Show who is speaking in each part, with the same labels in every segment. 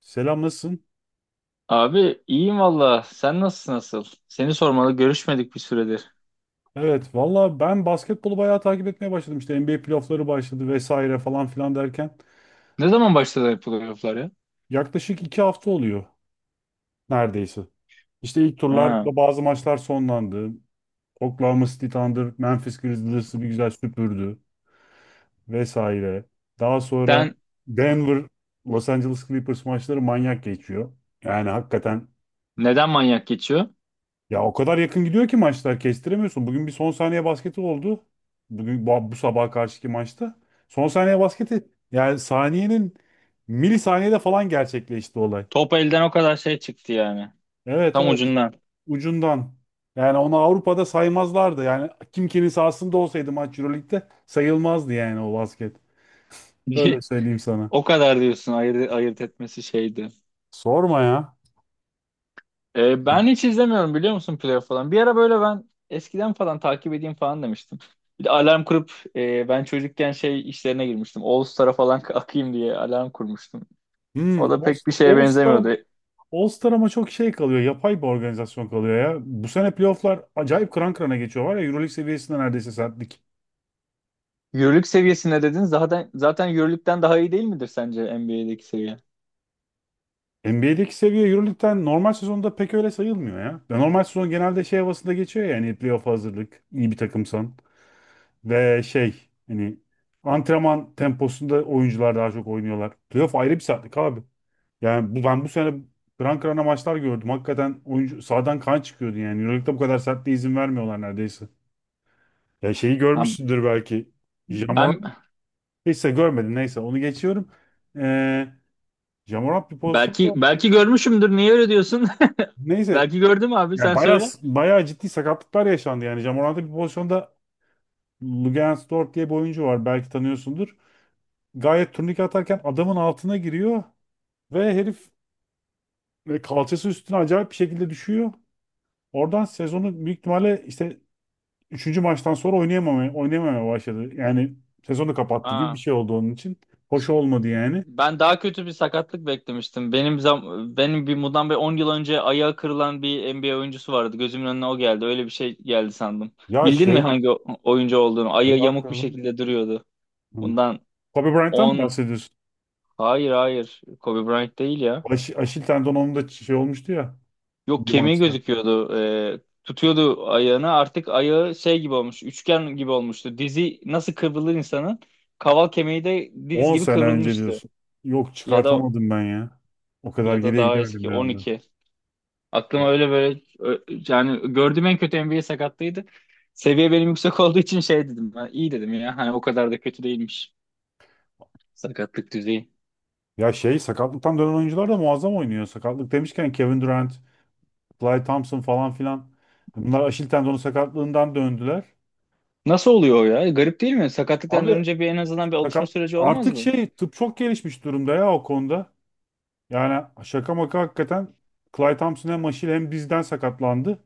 Speaker 1: Selam nasılsın?
Speaker 2: Abi iyiyim valla. Sen nasılsın nasıl? Seni sormalı, görüşmedik bir süredir.
Speaker 1: Evet valla ben basketbolu bayağı takip etmeye başladım. İşte NBA playoffları başladı vesaire falan filan derken.
Speaker 2: Ne zaman başladı playofflar ya?
Speaker 1: Yaklaşık 2 hafta oluyor neredeyse. İşte ilk
Speaker 2: Ha.
Speaker 1: turlarda bazı maçlar sonlandı. Oklahoma City Thunder, Memphis Grizzlies'ı bir güzel süpürdü vesaire. Daha sonra
Speaker 2: Sen
Speaker 1: Denver, Los Angeles Clippers maçları manyak geçiyor. Yani hakikaten.
Speaker 2: Neden manyak geçiyor?
Speaker 1: Ya o kadar yakın gidiyor ki maçlar kestiremiyorsun. Bugün bir son saniye basketi oldu. Bugün bu sabaha karşıki maçta. Son saniye basketi yani saniyenin milisaniyede falan gerçekleşti olay.
Speaker 2: Top elden o kadar şey çıktı yani.
Speaker 1: Evet,
Speaker 2: Tam
Speaker 1: evet,
Speaker 2: ucundan.
Speaker 1: ucundan. Yani onu Avrupa'da saymazlardı. Yani kim kimin sahasında olsaydı maç Euroleague'de sayılmazdı yani o basket. Öyle söyleyeyim sana.
Speaker 2: O kadar diyorsun, ayırt etmesi şeydi.
Speaker 1: Sorma ya.
Speaker 2: Ben hiç izlemiyorum biliyor musun, playoff falan. Bir ara böyle ben eskiden falan takip edeyim falan demiştim. Bir de alarm kurup ben çocukken şey işlerine girmiştim. All Star'a falan akayım diye alarm kurmuştum.
Speaker 1: Hmm,
Speaker 2: O da pek bir şeye
Speaker 1: All Star,
Speaker 2: benzemiyordu.
Speaker 1: All-Star ama çok şey kalıyor. Yapay bir organizasyon kalıyor ya. Bu sene playofflar acayip kıran kırana geçiyor var ya. Euroleague seviyesinde neredeyse sertlik.
Speaker 2: Euroleague seviyesine dedin, zaten Euroleague'den daha iyi değil midir sence NBA'deki seviye?
Speaker 1: NBA'deki seviye Euroleague'den normal sezonda pek öyle sayılmıyor ya. Ya normal sezon genelde şey havasında geçiyor ya. Hani playoff hazırlık, iyi bir takımsan. Ve şey hani antrenman temposunda oyuncular daha çok oynuyorlar. Playoff ayrı bir sertlik abi. Yani bu, ben bu sene kıran kırana maçlar gördüm. Hakikaten oyuncu sahadan kan çıkıyordu yani. Euroleague'de bu kadar sertliğe izin vermiyorlar neredeyse. Ya şeyi
Speaker 2: Ha,
Speaker 1: görmüşsündür belki.
Speaker 2: ben
Speaker 1: Jamoran. Neyse görmedin neyse onu geçiyorum. Ee, Jamoran bir
Speaker 2: belki
Speaker 1: pozisyonda
Speaker 2: belki görmüşümdür. Niye öyle diyorsun?
Speaker 1: neyse
Speaker 2: Belki gördüm abi,
Speaker 1: ya
Speaker 2: sen
Speaker 1: bayağı
Speaker 2: söyle.
Speaker 1: bayağı ciddi sakatlıklar yaşandı yani Jamoran'da bir pozisyonda Lugens Dort diye bir oyuncu var belki tanıyorsundur. Gayet turnike atarken adamın altına giriyor ve herif kalçası üstüne acayip bir şekilde düşüyor. Oradan sezonu büyük ihtimalle işte üçüncü maçtan sonra oynayamamaya başladı. Yani sezonu kapattı gibi bir
Speaker 2: Aa,
Speaker 1: şey oldu onun için. Hoş
Speaker 2: ş-
Speaker 1: olmadı yani.
Speaker 2: ben daha kötü bir sakatlık beklemiştim. Benim bundan 10 yıl önce ayağı kırılan bir NBA oyuncusu vardı. Gözümün önüne o geldi. Öyle bir şey geldi sandım.
Speaker 1: Ya
Speaker 2: Bildin mi
Speaker 1: şey, mı?
Speaker 2: hangi oyuncu olduğunu?
Speaker 1: ay
Speaker 2: Ayağı yamuk bir
Speaker 1: hakikaten.
Speaker 2: şekilde duruyordu.
Speaker 1: Hı.
Speaker 2: Bundan
Speaker 1: Kobe Bryant'tan mı
Speaker 2: 10...
Speaker 1: bahsediyorsun?
Speaker 2: Hayır, hayır. Kobe Bryant değil ya.
Speaker 1: Aşil tendonunda şey olmuştu ya
Speaker 2: Yok,
Speaker 1: bir
Speaker 2: kemiği
Speaker 1: maçta.
Speaker 2: gözüküyordu. Tutuyordu ayağını. Artık ayağı şey gibi olmuş. Üçgen gibi olmuştu. Dizi nasıl kıvrılır insanın? Kaval kemiği de diz
Speaker 1: 10
Speaker 2: gibi
Speaker 1: sene önce
Speaker 2: kıvrılmıştı.
Speaker 1: diyorsun. Yok
Speaker 2: Ya da
Speaker 1: çıkartamadım ben ya. O kadar
Speaker 2: ya da
Speaker 1: geriye
Speaker 2: daha
Speaker 1: gidemedim
Speaker 2: eski,
Speaker 1: bir anda.
Speaker 2: 12. Aklıma öyle böyle yani gördüğüm en kötü NBA sakatlığıydı. Seviye benim yüksek olduğu için şey dedim. Ben iyi dedim ya, hani o kadar da kötü değilmiş sakatlık düzeyi.
Speaker 1: Ya şey sakatlıktan dönen oyuncular da muazzam oynuyor. Sakatlık demişken Kevin Durant, Klay Thompson falan filan. Bunlar Aşil tendonu sakatlığından döndüler.
Speaker 2: Nasıl oluyor o ya? Garip değil mi? Sakatlıktan
Speaker 1: Abi
Speaker 2: dönünce bir, en azından bir alışma süreci olmaz
Speaker 1: artık
Speaker 2: mı?
Speaker 1: şey tıp çok gelişmiş durumda ya o konuda. Yani şaka maka hakikaten Klay Thompson hem Aşil hem dizden sakatlandı.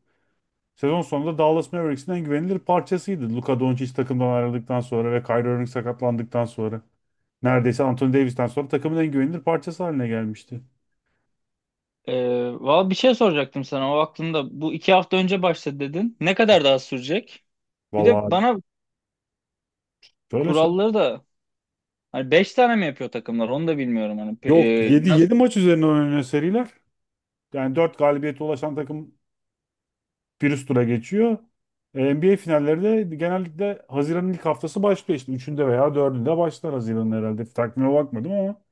Speaker 1: Sezon sonunda Dallas Mavericks'in en güvenilir parçasıydı. Luka Doncic takımdan ayrıldıktan sonra ve Kyrie Irving sakatlandıktan sonra. Neredeyse Anthony Davis'ten sonra takımın en güvenilir parçası haline gelmişti.
Speaker 2: Valla bir şey soracaktım sana, o aklımda. Bu 2 hafta önce başladı dedin. Ne kadar daha sürecek? Bir
Speaker 1: Vallahi
Speaker 2: de
Speaker 1: abi.
Speaker 2: bana
Speaker 1: Şöyle söyle.
Speaker 2: kuralları da, hani beş tane mi yapıyor takımlar, onu da bilmiyorum. Hani
Speaker 1: Yok yedi
Speaker 2: nasıl
Speaker 1: yedi maç üzerine oynanıyor seriler. Yani 4 galibiyete ulaşan takım bir üst tura geçiyor. NBA finalleri de genellikle Haziran'ın ilk haftası başlıyor işte. Üçünde veya dördünde başlar Haziran'ın herhalde. Takvime bakmadım ama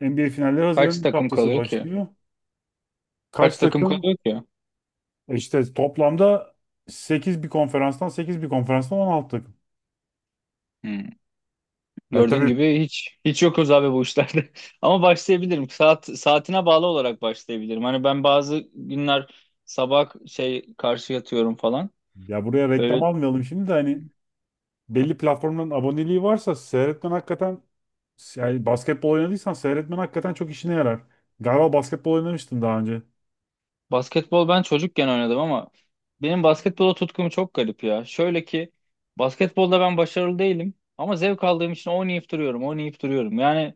Speaker 1: NBA finalleri
Speaker 2: kaç
Speaker 1: Haziran'ın ilk
Speaker 2: takım
Speaker 1: haftası
Speaker 2: kalıyor ki?
Speaker 1: başlıyor. Kaç
Speaker 2: Kaç takım
Speaker 1: takım?
Speaker 2: kalıyor ki?
Speaker 1: İşte toplamda sekiz bir konferanstan 16 takım.
Speaker 2: Hmm.
Speaker 1: Ya
Speaker 2: Gördüğün
Speaker 1: tabii
Speaker 2: gibi hiç yokuz abi bu işlerde. Ama başlayabilirim. Saat, saatine bağlı olarak başlayabilirim. Hani ben bazı günler sabah şey karşı yatıyorum falan.
Speaker 1: ya buraya reklam
Speaker 2: Öyle...
Speaker 1: almayalım şimdi de hani belli platformların aboneliği varsa seyretmen hakikaten yani basketbol oynadıysan seyretmen hakikaten çok işine yarar. Galiba basketbol oynamıştın daha önce.
Speaker 2: Basketbol ben çocukken oynadım ama benim basketbola tutkum çok garip ya. Şöyle ki, basketbolda ben başarılı değilim ama zevk aldığım için oynayıp duruyorum. Yani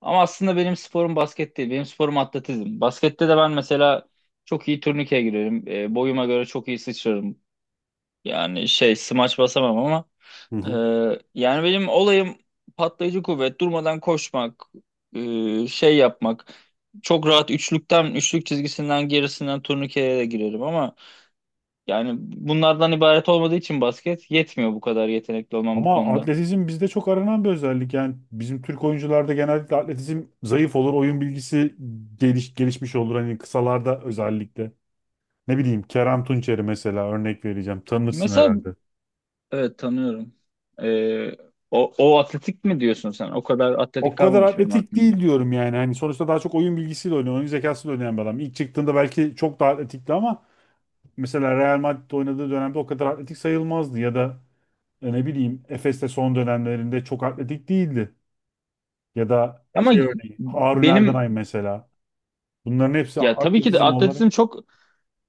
Speaker 2: ama aslında benim sporum basket değil, benim sporum atletizm. Baskette de ben mesela çok iyi turnikeye girerim, boyuma göre çok iyi sıçrarım. Yani şey, smaç basamam ama
Speaker 1: Hı hı.
Speaker 2: ee, yani benim olayım patlayıcı kuvvet, durmadan koşmak, şey yapmak. Çok rahat üçlük çizgisinden gerisinden turnikeye de girerim ama yani bunlardan ibaret olmadığı için basket yetmiyor, bu kadar yetenekli olmam bu
Speaker 1: Ama
Speaker 2: konuda.
Speaker 1: atletizm bizde çok aranan bir özellik. Yani bizim Türk oyuncularda genellikle atletizm zayıf olur, oyun bilgisi gelişmiş olur. Hani kısalarda özellikle. Ne bileyim Kerem Tunçeri mesela örnek vereceğim. Tanırsın
Speaker 2: Mesela
Speaker 1: herhalde.
Speaker 2: evet, tanıyorum. Ee, O, o atletik mi diyorsun sen? O kadar
Speaker 1: O
Speaker 2: atletik
Speaker 1: kadar
Speaker 2: kalmamış benim
Speaker 1: atletik
Speaker 2: aklımda.
Speaker 1: değil diyorum yani. Hani sonuçta daha çok oyun bilgisiyle oynuyor, oyun zekasıyla oynayan bir adam. İlk çıktığında belki çok daha atletikti ama mesela Real Madrid'de oynadığı dönemde o kadar atletik sayılmazdı ya da ne bileyim Efes'te son dönemlerinde çok atletik değildi. Ya da
Speaker 2: Ama
Speaker 1: şey örneği Harun
Speaker 2: benim
Speaker 1: Erdenay mesela. Bunların hepsi
Speaker 2: Ya tabii ki de
Speaker 1: atletizm olarak.
Speaker 2: atletizm çok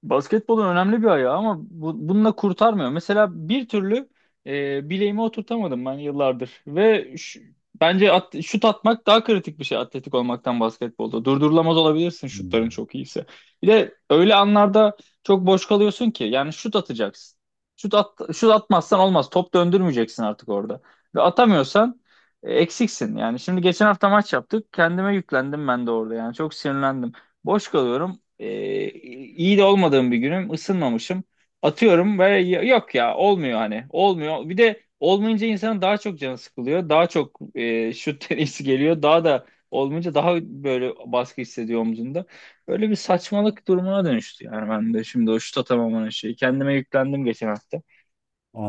Speaker 2: basketbolun önemli bir ayağı ama bununla kurtarmıyor. Mesela bir türlü bileğimi oturtamadım ben yıllardır. Bence şut atmak daha kritik bir şey atletik olmaktan basketbolda. Durdurulamaz olabilirsin şutların
Speaker 1: Hmm,
Speaker 2: çok iyiyse. Bir de öyle anlarda çok boş kalıyorsun ki, yani şut atacaksın. Şut atmazsan olmaz. Top döndürmeyeceksin artık orada. Ve atamıyorsan, eksiksin. Yani şimdi geçen hafta maç yaptık. Kendime yüklendim ben de orada, yani çok sinirlendim. Boş kalıyorum. İyi de olmadığım bir günüm, ısınmamışım. Atıyorum böyle, yok ya, olmuyor, hani olmuyor. Bir de olmayınca insanın daha çok canı sıkılıyor. Daha çok şut deneyesi geliyor. Daha da olmayınca daha böyle baskı hissediyor omzunda. Böyle bir saçmalık durumuna dönüştü yani ben de şimdi, o şut atamamanın şeyi. Kendime yüklendim geçen hafta.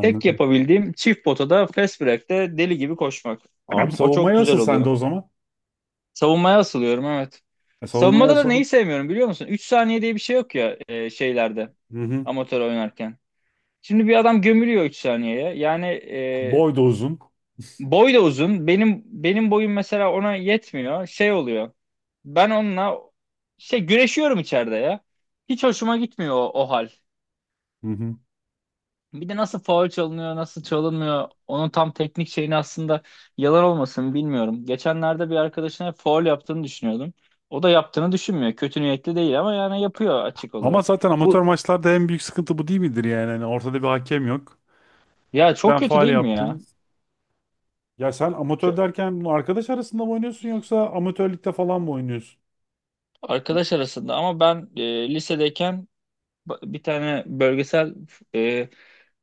Speaker 2: Tek yapabildiğim çift potada fast break'te deli gibi koşmak.
Speaker 1: Abi
Speaker 2: O çok
Speaker 1: savunmaya
Speaker 2: güzel
Speaker 1: asıl sen de
Speaker 2: oluyor.
Speaker 1: o zaman.
Speaker 2: Savunmaya asılıyorum evet.
Speaker 1: Savunmaya
Speaker 2: Savunmada da neyi
Speaker 1: asıl.
Speaker 2: sevmiyorum biliyor musun? 3 saniye diye bir şey yok ya şeylerde,
Speaker 1: Hı hı.
Speaker 2: amatör oynarken. Şimdi bir adam gömülüyor 3 saniyeye. Yani
Speaker 1: Boy da uzun.
Speaker 2: boy da uzun. Benim boyum mesela ona yetmiyor. Şey oluyor. Ben onunla şey, güreşiyorum içeride ya. Hiç hoşuma gitmiyor o, o hal.
Speaker 1: Hı hı.
Speaker 2: Bir de nasıl faul çalınıyor, nasıl çalınmıyor, onun tam teknik şeyini aslında yalan olmasın, bilmiyorum. Geçenlerde bir arkadaşına faul yaptığını düşünüyordum. O da yaptığını düşünmüyor. Kötü niyetli değil ama yani yapıyor, açık
Speaker 1: Ama
Speaker 2: olarak.
Speaker 1: zaten amatör
Speaker 2: Bu
Speaker 1: maçlarda en büyük sıkıntı bu değil midir yani? Hani ortada bir hakem yok.
Speaker 2: Ya çok
Speaker 1: Ben
Speaker 2: kötü
Speaker 1: faal
Speaker 2: değil mi ya?
Speaker 1: yaptım. Ya sen
Speaker 2: Şu
Speaker 1: amatör derken bunu arkadaş arasında mı oynuyorsun yoksa amatörlükte falan mı oynuyorsun?
Speaker 2: Arkadaş arasında, ama ben lisedeyken bir tane bölgesel, e,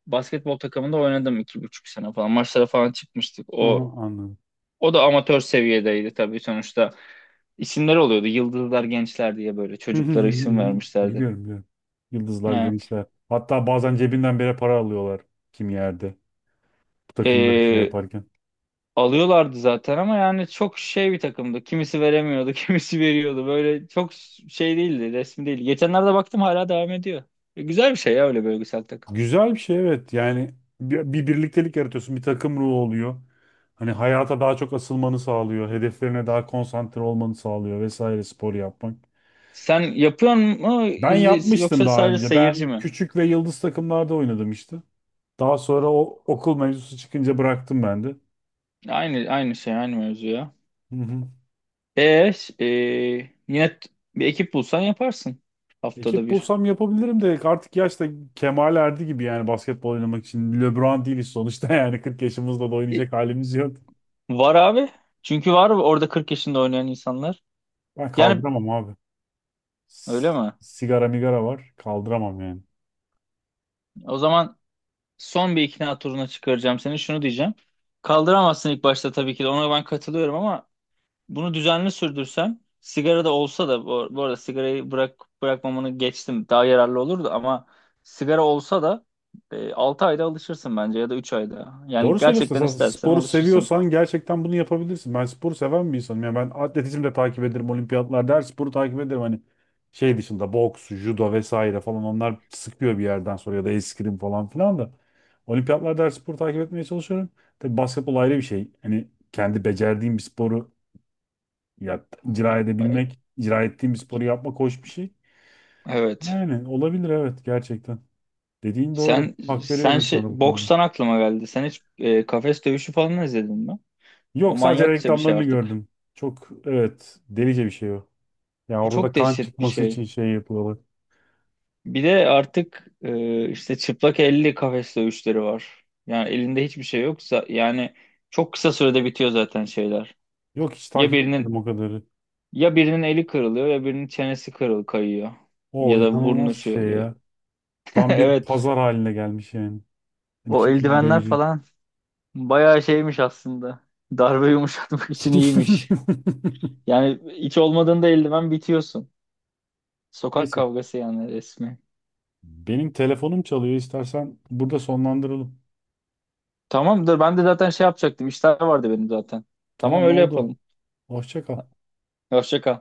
Speaker 2: basketbol takımında oynadım 2,5 sene falan. Maçlara falan çıkmıştık.
Speaker 1: Hı hı, anladım.
Speaker 2: O da amatör seviyedeydi tabii sonuçta. İsimler oluyordu. Yıldızlar, Gençler diye böyle
Speaker 1: Hı hı
Speaker 2: çocuklara
Speaker 1: hı
Speaker 2: isim
Speaker 1: hı hı.
Speaker 2: vermişlerdi.
Speaker 1: Biliyorum, biliyorum. Yıldızlar
Speaker 2: Yani,
Speaker 1: gençler. Hatta bazen cebinden bile para alıyorlar kim yerde. Bu takımları şey
Speaker 2: eee,
Speaker 1: yaparken.
Speaker 2: alıyorlardı zaten ama yani çok şey bir takımdı. Kimisi veremiyordu, kimisi veriyordu. Böyle çok şey değildi, resmi değil. Geçenlerde baktım, hala devam ediyor. E, güzel bir şey ya öyle bölgesel takım.
Speaker 1: Güzel bir şey evet. Yani bir birliktelik yaratıyorsun. Bir takım ruhu oluyor. Hani hayata daha çok asılmanı sağlıyor. Hedeflerine daha konsantre olmanı sağlıyor vesaire spor yapmak.
Speaker 2: Sen yapıyor mu
Speaker 1: Ben
Speaker 2: izle,
Speaker 1: yapmıştım
Speaker 2: yoksa
Speaker 1: daha
Speaker 2: sadece
Speaker 1: önce.
Speaker 2: seyirci
Speaker 1: Ben
Speaker 2: mi?
Speaker 1: küçük ve yıldız takımlarda oynadım işte. Daha sonra o okul mevzusu çıkınca bıraktım ben de.
Speaker 2: Aynı şey, aynı mevzu ya.
Speaker 1: Hı hı.
Speaker 2: E, ş- e, Yine bir ekip bulsan yaparsın, haftada
Speaker 1: Ekip
Speaker 2: bir.
Speaker 1: bulsam yapabilirim de artık yaş da kemale erdi gibi yani basketbol oynamak için. LeBron değiliz sonuçta yani 40 yaşımızda da oynayacak halimiz yok.
Speaker 2: Var abi. Çünkü var orada 40 yaşında oynayan insanlar.
Speaker 1: Ben
Speaker 2: Yani
Speaker 1: kaldıramam abi.
Speaker 2: öyle
Speaker 1: S-
Speaker 2: mi?
Speaker 1: Sigara migara var kaldıramam yani.
Speaker 2: O zaman son bir ikna turuna çıkaracağım seni. Şunu diyeceğim. Kaldıramazsın ilk başta tabii ki de. Ona ben katılıyorum ama bunu düzenli sürdürsen, sigara da olsa da, bu, bu arada sigarayı bırak bırakmamanı geçtim, daha yararlı olurdu ama, sigara olsa da 6 ayda alışırsın bence ya da 3 ayda. Yani
Speaker 1: Doğru söylüyorsun.
Speaker 2: gerçekten
Speaker 1: Esas
Speaker 2: istersen
Speaker 1: sporu
Speaker 2: alışırsın.
Speaker 1: seviyorsan gerçekten bunu yapabilirsin. Ben sporu seven bir insanım. Yani ben atletizm de takip ederim, olimpiyatlarda her sporu takip ederim. Hani şey dışında boks, judo vesaire falan onlar sıkıyor bir yerden sonra ya da eskrim falan filan da. Olimpiyatlarda her sporu takip etmeye çalışıyorum. Tabii basketbol ayrı bir şey. Hani kendi becerdiğim bir sporu ya, icra edebilmek, icra ettiğim bir sporu yapmak hoş bir şey.
Speaker 2: Evet.
Speaker 1: Yani olabilir evet, gerçekten. Dediğin doğru.
Speaker 2: Sen
Speaker 1: Hak
Speaker 2: sen
Speaker 1: veriyorum sana
Speaker 2: şey,
Speaker 1: bu konuda.
Speaker 2: bokstan aklıma geldi. Sen hiç kafes dövüşü falan izledin mi? O
Speaker 1: Yok, sadece
Speaker 2: manyakça bir şey
Speaker 1: reklamlarını
Speaker 2: artık.
Speaker 1: gördüm. Çok evet, delice bir şey o. Yani
Speaker 2: O
Speaker 1: orada da
Speaker 2: çok
Speaker 1: kan
Speaker 2: dehşet bir
Speaker 1: çıkması
Speaker 2: şey.
Speaker 1: için şey yapıyorlar.
Speaker 2: Bir de artık işte çıplak elli kafes dövüşleri var. Yani elinde hiçbir şey yoksa yani çok kısa sürede bitiyor zaten şeyler.
Speaker 1: Yok, hiç
Speaker 2: Ya
Speaker 1: takip
Speaker 2: birinin
Speaker 1: etmedim o kadarı.
Speaker 2: ya birinin eli kırılıyor, ya birinin çenesi kayıyor
Speaker 1: O
Speaker 2: ya da burnu
Speaker 1: inanılmaz bir
Speaker 2: şey
Speaker 1: şey
Speaker 2: oluyor.
Speaker 1: ya. Tam bir
Speaker 2: Evet.
Speaker 1: pazar haline gelmiş yani. Hani
Speaker 2: O
Speaker 1: kim kimi
Speaker 2: eldivenler
Speaker 1: dövecek.
Speaker 2: falan bayağı şeymiş aslında. Darbe yumuşatmak için iyiymiş. Yani hiç olmadığında eldiven, bitiyorsun. Sokak
Speaker 1: Neyse.
Speaker 2: kavgası yani, resmi.
Speaker 1: Benim telefonum çalıyor. İstersen burada sonlandıralım.
Speaker 2: Tamamdır. Ben de zaten şey yapacaktım, İşler vardı benim zaten. Tamam,
Speaker 1: Tamam,
Speaker 2: öyle
Speaker 1: oldu.
Speaker 2: yapalım.
Speaker 1: Hoşça kal.
Speaker 2: Hoşça kal.